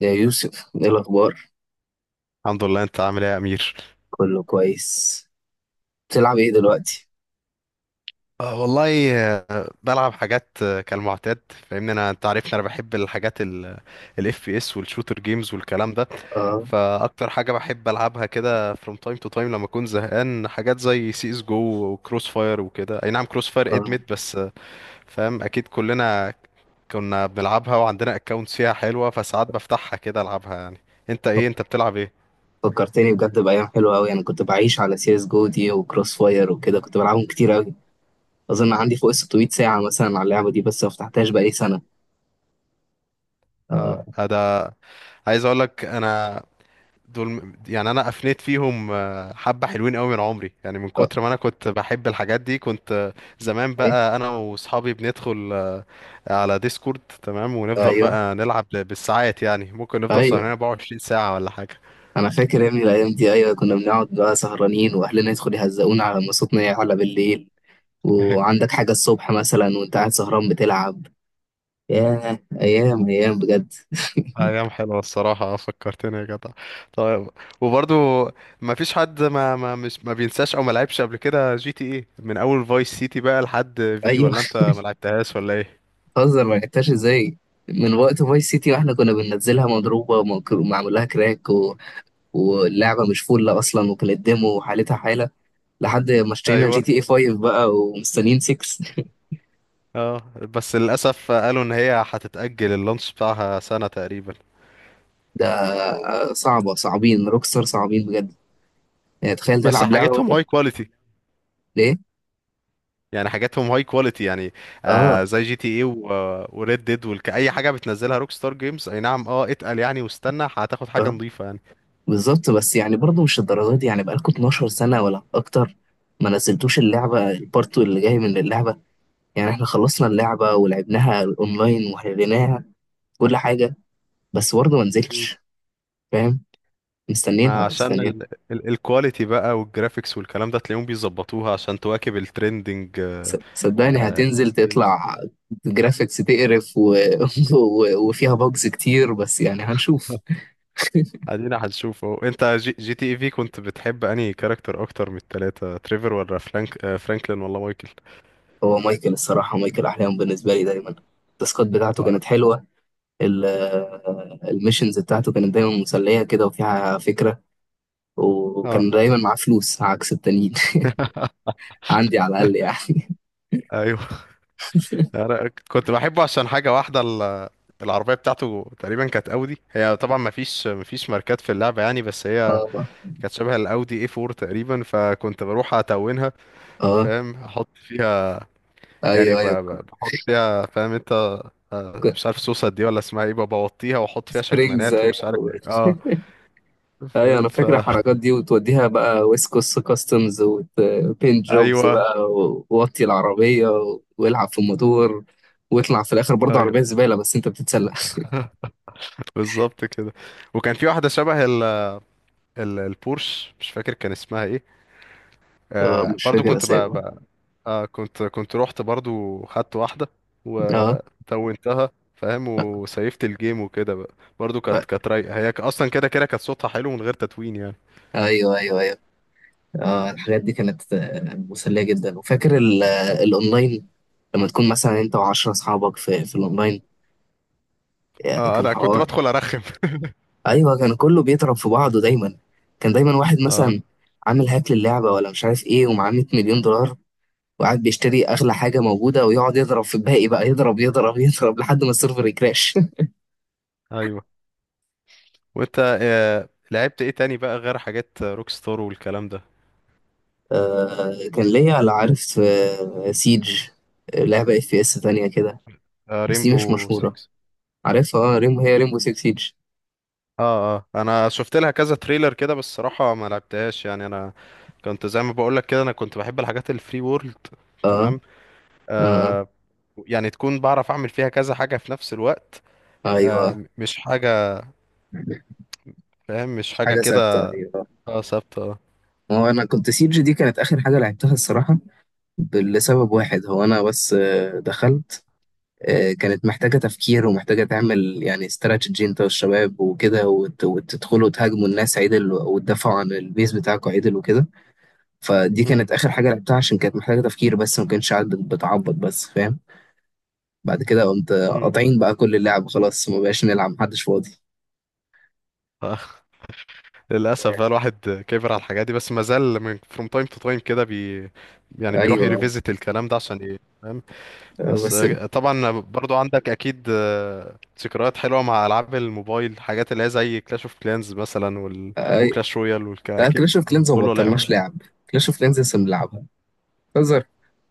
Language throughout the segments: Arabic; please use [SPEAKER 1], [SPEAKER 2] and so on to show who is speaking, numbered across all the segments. [SPEAKER 1] يا يوسف، ايه الاخبار؟
[SPEAKER 2] الحمد لله، انت عامل ايه يا امير؟
[SPEAKER 1] كله كويس. بتلعب ايه دلوقتي؟
[SPEAKER 2] آه والله، بلعب حاجات كالمعتاد. فاهمني، انا انت عارفني، انا بحب الحاجات الاف بي اس والشوتر جيمز والكلام ده.
[SPEAKER 1] اه.
[SPEAKER 2] فاكتر حاجه بحب العبها كده from time to time لما اكون زهقان، حاجات زي سي اس جو وكروس فاير وكده. اي نعم، كروس فاير ادمت،
[SPEAKER 1] اه.
[SPEAKER 2] بس فاهم، اكيد كلنا كنا بنلعبها وعندنا اكونتس فيها حلوه، فساعات بفتحها كده العبها يعني. انت ايه؟
[SPEAKER 1] فك-
[SPEAKER 2] انت بتلعب ايه؟
[SPEAKER 1] فكرتني بجد بايام حلوه قوي. انا كنت بعيش على سي اس جو دي وكروس فاير وكده، كنت بلعبهم كتير قوي. اظن عندي فوق ال 600 ساعه مثلا على اللعبه دي، بس ما فتحتهاش بقالي سنه. اه.
[SPEAKER 2] اه. ده عايز اقول لك انا. دول يعني انا افنيت فيهم، حبة حلوين قوي من عمري، يعني من
[SPEAKER 1] اه.
[SPEAKER 2] كتر ما انا كنت بحب الحاجات دي، كنت زمان
[SPEAKER 1] أي-
[SPEAKER 2] بقى انا واصحابي بندخل على ديسكورد، تمام، ونفضل
[SPEAKER 1] ايوه.
[SPEAKER 2] بقى نلعب بالساعات، يعني ممكن نفضل
[SPEAKER 1] ايوه،
[SPEAKER 2] سهرانين 24 ساعة ولا حاجة.
[SPEAKER 1] انا فاكر يا ابني الايام دي. ايوه، كنا بنقعد بقى سهرانين واهلنا يدخلوا يهزقونا على مصوتنا على بالليل، وعندك حاجه الصبح مثلا وانت قاعد سهران بتلعب. ياه، ايام ايام بجد.
[SPEAKER 2] ايام حلوة الصراحة. فكرتني يا جدع. طيب، وبرضو ما فيش حد ما بينساش او ما لعبش قبل كده جي تي ايه، من اول فايس سيتي بقى لحد في،
[SPEAKER 1] ايوه.
[SPEAKER 2] ولا انت ما لعبتهاش ولا ايه؟
[SPEAKER 1] هزر، ما لحقتهاش ازاي؟ من وقت فايس سيتي واحنا كنا بننزلها مضروبه ومعمول لها كراك و... واللعبه مش فل اصلا، وكانت ديمو وحالتها حاله، لحد ما اشترينا جي
[SPEAKER 2] ايوه.
[SPEAKER 1] تي اي 5 بقى ومستنيين 6.
[SPEAKER 2] اه بس للاسف قالوا ان هي هتتاجل، اللانش بتاعها سنه تقريبا.
[SPEAKER 1] ده. صعبه، صعبين روكستار، صعبين بجد. يعني تخيل
[SPEAKER 2] بس
[SPEAKER 1] تلعب لعبه
[SPEAKER 2] حاجتهم
[SPEAKER 1] وانت...
[SPEAKER 2] هاي كواليتي،
[SPEAKER 1] ليه؟
[SPEAKER 2] يعني حاجاتهم هاي كواليتي يعني.
[SPEAKER 1] اه.
[SPEAKER 2] زي جي تي اي وريد ديد والك، اي حاجه بتنزلها روك ستار جيمز. اي نعم، اه اتقل يعني، واستنى هتاخد حاجه
[SPEAKER 1] اه،
[SPEAKER 2] نظيفه يعني.
[SPEAKER 1] بالظبط. بس يعني برضه مش الدرجات دي، يعني بقالكوا 12 سنه ولا اكتر ما نزلتوش اللعبه، البارت اللي جاي من اللعبه. يعني احنا خلصنا اللعبه ولعبناها اونلاين وحليناها، كل حاجه، بس برضه ما
[SPEAKER 2] مم.
[SPEAKER 1] نزلتش فاهم.
[SPEAKER 2] ما
[SPEAKER 1] مستنيينها،
[SPEAKER 2] عشان
[SPEAKER 1] مستنيينها.
[SPEAKER 2] ال الكواليتي بقى والجرافيكس والكلام ده، تلاقيهم بيظبطوها عشان تواكب الترندنج.
[SPEAKER 1] صدقني
[SPEAKER 2] آه
[SPEAKER 1] هتنزل
[SPEAKER 2] جيمز.
[SPEAKER 1] تطلع جرافيكس تقرف و... و... وفيها بوجز كتير، بس يعني هنشوف.
[SPEAKER 2] ادينا هنشوفه. انت جي تي اي في كنت بتحب انهي كاركتر اكتر من التلاتة، تريفر ولا فرانكلين ولا مايكل؟
[SPEAKER 1] هو مايكل، الصراحة مايكل أحلام بالنسبة لي دايما. التاسكات بتاعته
[SPEAKER 2] اه. انا
[SPEAKER 1] كانت حلوة. ال- الميشنز بتاعته كانت دايما مسلية كده وفيها فكرة،
[SPEAKER 2] اه
[SPEAKER 1] وكان دايما معاه فلوس عكس التانيين. عندي على الأقل يعني.
[SPEAKER 2] ايوه. انا كنت بحبه عشان حاجه واحده، العربيه بتاعته تقريبا كانت اودي. هي طبعا ما فيش ماركات في اللعبه يعني، بس هي
[SPEAKER 1] اه.
[SPEAKER 2] كانت شبه الاودي اي 4 تقريبا، فكنت بروح اتونها.
[SPEAKER 1] اه.
[SPEAKER 2] فاهم احط فيها، يعني
[SPEAKER 1] ايوه. ايوه،
[SPEAKER 2] بحط فيها، فاهم انت. مش عارف صوصة دي ولا اسمها ايه، ببوطيها واحط فيها
[SPEAKER 1] سبرينجز.
[SPEAKER 2] شكمانات ومش عارف
[SPEAKER 1] ايوه.
[SPEAKER 2] ايه. اه
[SPEAKER 1] ايوه
[SPEAKER 2] فاهم
[SPEAKER 1] انا فاكر الحركات دي، وتوديها بقى ويسكوس كاستمز وبين جوبز
[SPEAKER 2] ايوه،
[SPEAKER 1] بقى ووطي العربيه والعب في الموتور، واطلع في الاخر برضه عربيه
[SPEAKER 2] ايوه،
[SPEAKER 1] زباله، بس انت بتتسلق.
[SPEAKER 2] بالظبط كده. وكان في واحده شبه ال البورش، مش فاكر كان اسمها ايه.
[SPEAKER 1] اه مش
[SPEAKER 2] برضو
[SPEAKER 1] فاكر
[SPEAKER 2] كنت بقى,
[SPEAKER 1] اسامي.
[SPEAKER 2] بقى آه كنت كنت رحت برضو خدت واحده
[SPEAKER 1] اه.
[SPEAKER 2] وتونتها. فاهم، وسيفت الجيم وكده بقى. برضو
[SPEAKER 1] آه،
[SPEAKER 2] كانت رايقه هي، اصلا كده كده كانت صوتها حلو من غير تتوين يعني.
[SPEAKER 1] ايوه ايوه ايوه. اه الحاجات دي كانت مسليه جدا، وفاكر الاونلاين، لما تكون مثلا انت وعشرة اصحابك في الاونلاين.
[SPEAKER 2] اه.
[SPEAKER 1] كان
[SPEAKER 2] انا كنت
[SPEAKER 1] حوار.
[SPEAKER 2] بدخل ارخم.
[SPEAKER 1] ايوه، كان كله بيضرب في بعضه دايما. كان دايما واحد
[SPEAKER 2] اه،
[SPEAKER 1] مثلا عامل هاك للعبه ولا مش عارف ايه، ومعاه 100 مليون دولار، وقاعد بيشتري اغلى حاجه موجوده ويقعد يضرب في الباقي بقى، يضرب يضرب يضرب لحد ما السيرفر يكراش.
[SPEAKER 2] ايوه. وانت لعبت ايه تاني بقى غير حاجات روك ستار والكلام ده؟
[SPEAKER 1] آه كان ليا على عارف آه سيج. لعبه اف بي اس تانية كده، بس دي مش
[SPEAKER 2] ريمبو
[SPEAKER 1] مشهوره.
[SPEAKER 2] 6.
[SPEAKER 1] عارفها، اه ريمبو هي ريمبو 6 سيج.
[SPEAKER 2] اه، اه انا شفت لها كذا تريلر كده، بس الصراحه ما لعبتهاش يعني. انا كنت زي ما بقول لك كده، انا كنت بحب الحاجات الفري وورلد،
[SPEAKER 1] اه.
[SPEAKER 2] تمام.
[SPEAKER 1] اه.
[SPEAKER 2] آه يعني تكون بعرف اعمل فيها كذا حاجه في نفس الوقت،
[SPEAKER 1] ايوه.
[SPEAKER 2] مش حاجه، فاهم، مش
[SPEAKER 1] مش
[SPEAKER 2] حاجه
[SPEAKER 1] حاجه ثابته،
[SPEAKER 2] كده.
[SPEAKER 1] ايوه.
[SPEAKER 2] اه ثابته، اه.
[SPEAKER 1] هو انا كنت سيج دي كانت اخر حاجه لعبتها الصراحه، لسبب واحد هو انا بس دخلت. كانت محتاجة تفكير ومحتاجة تعمل يعني استراتيجي انت والشباب وكده، وتدخلوا تهاجموا الناس عدل وتدافعوا عن البيس بتاعكوا عدل وكده. فدي
[SPEAKER 2] امم
[SPEAKER 1] كانت آخر حاجة لعبتها عشان كانت محتاجة تفكير، بس ما كانش قاعد بتعبط بس، فاهم. بعد كده قمت
[SPEAKER 2] امم
[SPEAKER 1] قاطعين بقى كل اللعب، خلاص ما بقاش نلعب، محدش فاضي.
[SPEAKER 2] آه، للاسف بقى، الواحد كبر على الحاجات دي، بس ما زال فروم تايم تو تايم كده يعني بيروح
[SPEAKER 1] ايوه.
[SPEAKER 2] يريفيزيت الكلام ده عشان ايه. بس
[SPEAKER 1] بس.
[SPEAKER 2] طبعا برضو عندك اكيد ذكريات حلوه مع العاب الموبايل، حاجات اللي هي زي كلاش اوف كلانز مثلا
[SPEAKER 1] اي.
[SPEAKER 2] وكلاش رويال
[SPEAKER 1] لا،
[SPEAKER 2] اكيد
[SPEAKER 1] كلاش اوف
[SPEAKER 2] كله
[SPEAKER 1] كلينز ما
[SPEAKER 2] كله لعب.
[SPEAKER 1] بطلناش لعب، كلاش اوف كلينز لسه بنلعبها. بتهزر؟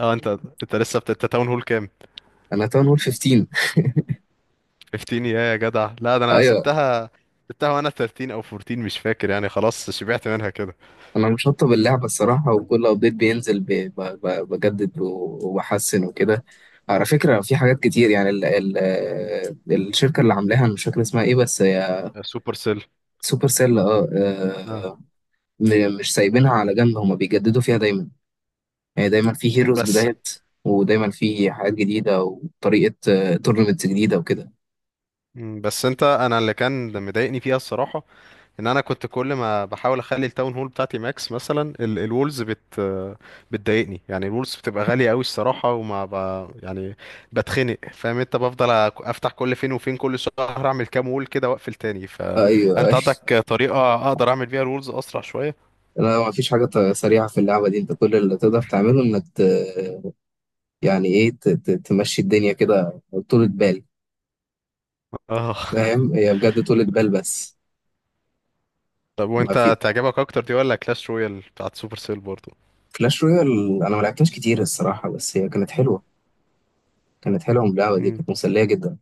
[SPEAKER 2] اه، انت لسه انت تاون هول كام؟
[SPEAKER 1] انا تاون هول 15.
[SPEAKER 2] 15 يا يا جدع، لا ده انا
[SPEAKER 1] ايوه.
[SPEAKER 2] سبتها، سبتها وانا 13 او 14 مش فاكر يعني، خلاص شبعت منها كده.
[SPEAKER 1] انا مشطب اللعبه الصراحه، وكل ابديت بينزل بجدد وبحسن وكده. على فكره في حاجات كتير، يعني ال ال الشركه اللي عاملاها انا مش فاكر اسمها ايه بس هي...
[SPEAKER 2] سوبر سيل.
[SPEAKER 1] سوبر سيل، اه.
[SPEAKER 2] اه.
[SPEAKER 1] مش سايبينها على جنب، هما بيجددوا فيها دايما، يعني دايما في
[SPEAKER 2] مم،
[SPEAKER 1] هيروز
[SPEAKER 2] بس
[SPEAKER 1] بدايات، ودايما في حاجات جديده وطريقه، تورنمنتس جديده وكده.
[SPEAKER 2] بس انت، انا اللي كان مضايقني فيها الصراحه، ان انا كنت كل ما بحاول اخلي التاون هول بتاعتي ماكس، مثلا الولز بتضايقني يعني. الولز بتبقى غاليه قوي الصراحه، وما يعني بتخنق، فاهم انت، بفضل افتح كل فين وفين، كل شهر اعمل كام وول كده واقفل تاني.
[SPEAKER 1] ايوه
[SPEAKER 2] فانت
[SPEAKER 1] أيوة.
[SPEAKER 2] عندك طريقه اقدر اعمل بيها الولز اسرع شويه؟
[SPEAKER 1] لا، ما فيش حاجه سريعه في اللعبه دي، انت كل اللي تقدر تعمله انك ت... يعني ايه، تمشي الدنيا كده، طولة بال.
[SPEAKER 2] اه.
[SPEAKER 1] فاهم، هي بجد طولة بال بس.
[SPEAKER 2] طب
[SPEAKER 1] ما في...
[SPEAKER 2] وانت تعجبك اكتر دي، ولا كلاش رويال بتاعت سوبر سيل برضو؟
[SPEAKER 1] كلاش رويال، انا ما لعبتهاش كتير الصراحه، بس هي كانت حلوه، كانت حلوه، اللعبه دي كانت مسليه جدا.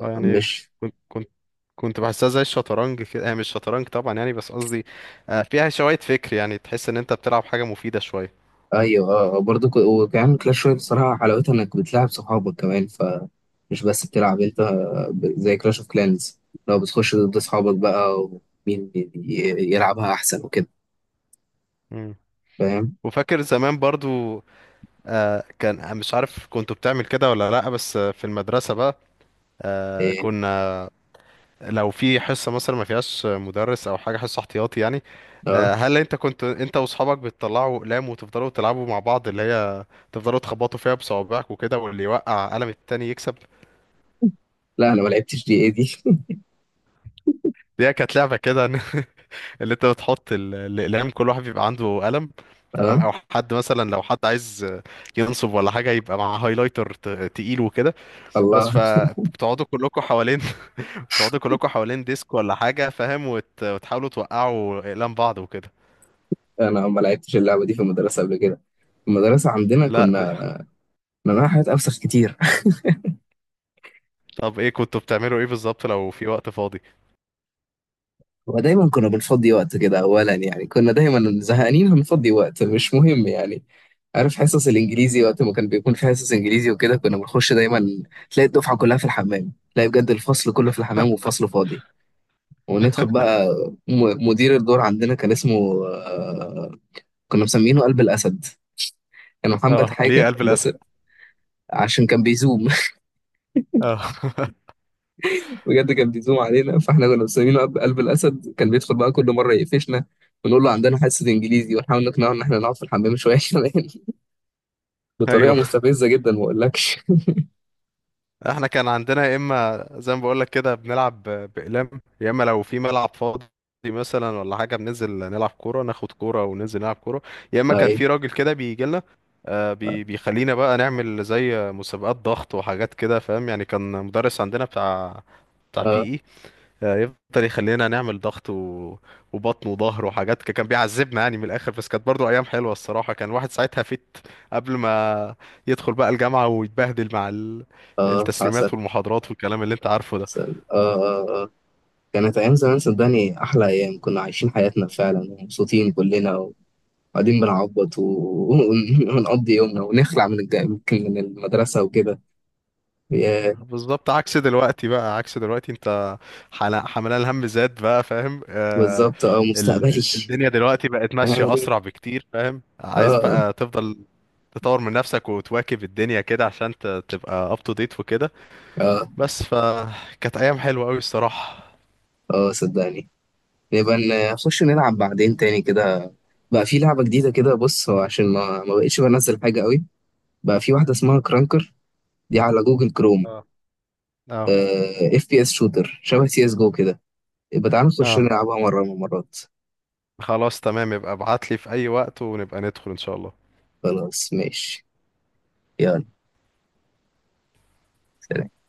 [SPEAKER 2] اه. يعني
[SPEAKER 1] مش...
[SPEAKER 2] كنت كنت كنت بحسها زي الشطرنج كده، هي مش شطرنج طبعا يعني بس قصدي، فيها شوية فكر، يعني تحس ان انت بتلعب حاجة مفيدة شوية.
[SPEAKER 1] ايوه اه برضه وكمان كلاش رويال الصراحه حلاوتها انك بتلعب صحابك كمان، ف مش بس بتلعب انت، زي كلاش اوف كلانز لو بتخش ضد اصحابك بقى ومين يلعبها احسن وكده.
[SPEAKER 2] مم.
[SPEAKER 1] فاهم.
[SPEAKER 2] وفاكر زمان برضو، كان مش عارف كنت بتعمل كده ولا لا، بس في المدرسة بقى
[SPEAKER 1] إيه،
[SPEAKER 2] كنا، لو في حصة مثلا ما فيهاش مدرس او حاجة، حصة احتياطي يعني،
[SPEAKER 1] اه.
[SPEAKER 2] هل انت كنت، انت واصحابك، بتطلعوا اقلام وتفضلوا تلعبوا مع بعض، اللي هي تفضلوا تخبطوا فيها بصوابعك وكده، واللي يوقع قلم التاني يكسب؟
[SPEAKER 1] لا انا ما لعبتش دي، ايه دي؟
[SPEAKER 2] دي كانت لعبة كده. اللي انت بتحط الاقلام، كل واحد بيبقى عنده قلم، تمام،
[SPEAKER 1] اه.
[SPEAKER 2] او حد مثلا لو حد عايز ينصب ولا حاجه يبقى مع هايلايتر تقيل وكده. بس
[SPEAKER 1] الله.
[SPEAKER 2] فبتقعدوا كلكم حوالين. بتقعدوا كلكم حوالين ديسك ولا حاجه، فاهم، وتحاولوا توقعوا اقلام بعض وكده.
[SPEAKER 1] انا ما لعبتش اللعبه دي في المدرسه قبل كده، في المدرسه عندنا
[SPEAKER 2] لا،
[SPEAKER 1] كنا... مناها حاجات افسخ كتير.
[SPEAKER 2] طب ايه كنتوا بتعملوا، ايه بالظبط لو في وقت فاضي؟
[SPEAKER 1] ودايما كنا بنفضي وقت كده، اولا يعني كنا دايما زهقانين، هنفضي وقت مش مهم يعني. عارف حصص الانجليزي، وقت ما كان بيكون في حصص انجليزي وكده، كنا بنخش دايما، تلاقي الدفعه كلها في الحمام، تلاقي بجد الفصل كله في الحمام والفصل فاضي. وندخل بقى... مدير الدور عندنا كان اسمه كنا مسمينه قلب الاسد، كان محمد
[SPEAKER 2] اه، ليه
[SPEAKER 1] حاجه
[SPEAKER 2] قلب
[SPEAKER 1] بس،
[SPEAKER 2] الاسد؟
[SPEAKER 1] عشان كان بيزوم،
[SPEAKER 2] اه.
[SPEAKER 1] بجد كان بيزوم علينا، فاحنا كنا مسمينه قلب الاسد، كان بيدخل بقى كل مره يقفشنا ونقول له عندنا حصه انجليزي، ونحاول نقنعه ان احنا نقعد في الحمام شويه كمان. بطريقه
[SPEAKER 2] ايوه.
[SPEAKER 1] مستفزه جدا ما اقولكش.
[SPEAKER 2] احنا كان عندنا، يا اما زي ما بقول لك كده بنلعب باقلام، يا اما لو في ملعب فاضي مثلا ولا حاجه، بننزل نلعب كوره، ناخد كوره وننزل نلعب كوره، يا اما كان
[SPEAKER 1] اي.
[SPEAKER 2] في راجل كده بيجي لنا بيخلينا بقى نعمل زي مسابقات ضغط وحاجات كده، فاهم يعني، كان مدرس عندنا بتاع
[SPEAKER 1] اه.
[SPEAKER 2] بي، يفضل يخلينا نعمل ضغط وبطن وظهر وحاجات. كان بيعذبنا يعني من الاخر، بس كانت برضو ايام حلوه الصراحه. كان الواحد ساعتها قبل ما يدخل بقى الجامعه ويتبهدل مع
[SPEAKER 1] اه. حصل.
[SPEAKER 2] التسليمات والمحاضرات والكلام اللي انت عارفه ده.
[SPEAKER 1] حصل، اه اه اه. كانت ايام زمان صدقني احلى ايام، كنا عايشين حياتنا فعلا ومبسوطين كلنا، وقاعدين بنعبط ونقضي يومنا ونخلع من من المدرسه وكده، يا...
[SPEAKER 2] بالظبط عكس دلوقتي بقى، عكس دلوقتي، انت حملان الهم زاد بقى، فاهم.
[SPEAKER 1] بالظبط. اه، مستقبلي.
[SPEAKER 2] الدنيا دلوقتي بقت
[SPEAKER 1] هنعمل
[SPEAKER 2] ماشيه
[SPEAKER 1] ايه؟
[SPEAKER 2] اسرع بكتير، فاهم، عايز
[SPEAKER 1] اه.
[SPEAKER 2] بقى تفضل تطور من نفسك وتواكب الدنيا كده عشان تبقى up to date وكده.
[SPEAKER 1] اه.
[SPEAKER 2] بس فكانت ايام حلوه قوي الصراحه.
[SPEAKER 1] اه، صدقني. نبقى نخش نلعب بعدين تاني كده، بقى في لعبة جديدة كده، بص هو عشان ما بقتش بنزل حاجة قوي، بقى في واحدة اسمها كرانكر، دي على جوجل كروم.
[SPEAKER 2] اه، اه،
[SPEAKER 1] اف بي اس شوتر شبه سي اس جو كده، يبقى تعالى نخش
[SPEAKER 2] اه.
[SPEAKER 1] نلعبها مرة من المرات.
[SPEAKER 2] خلاص تمام، يبقى ابعت لي في اي وقت ونبقى ندخل ان شاء الله.
[SPEAKER 1] خلاص ماشي. يلا. سلام.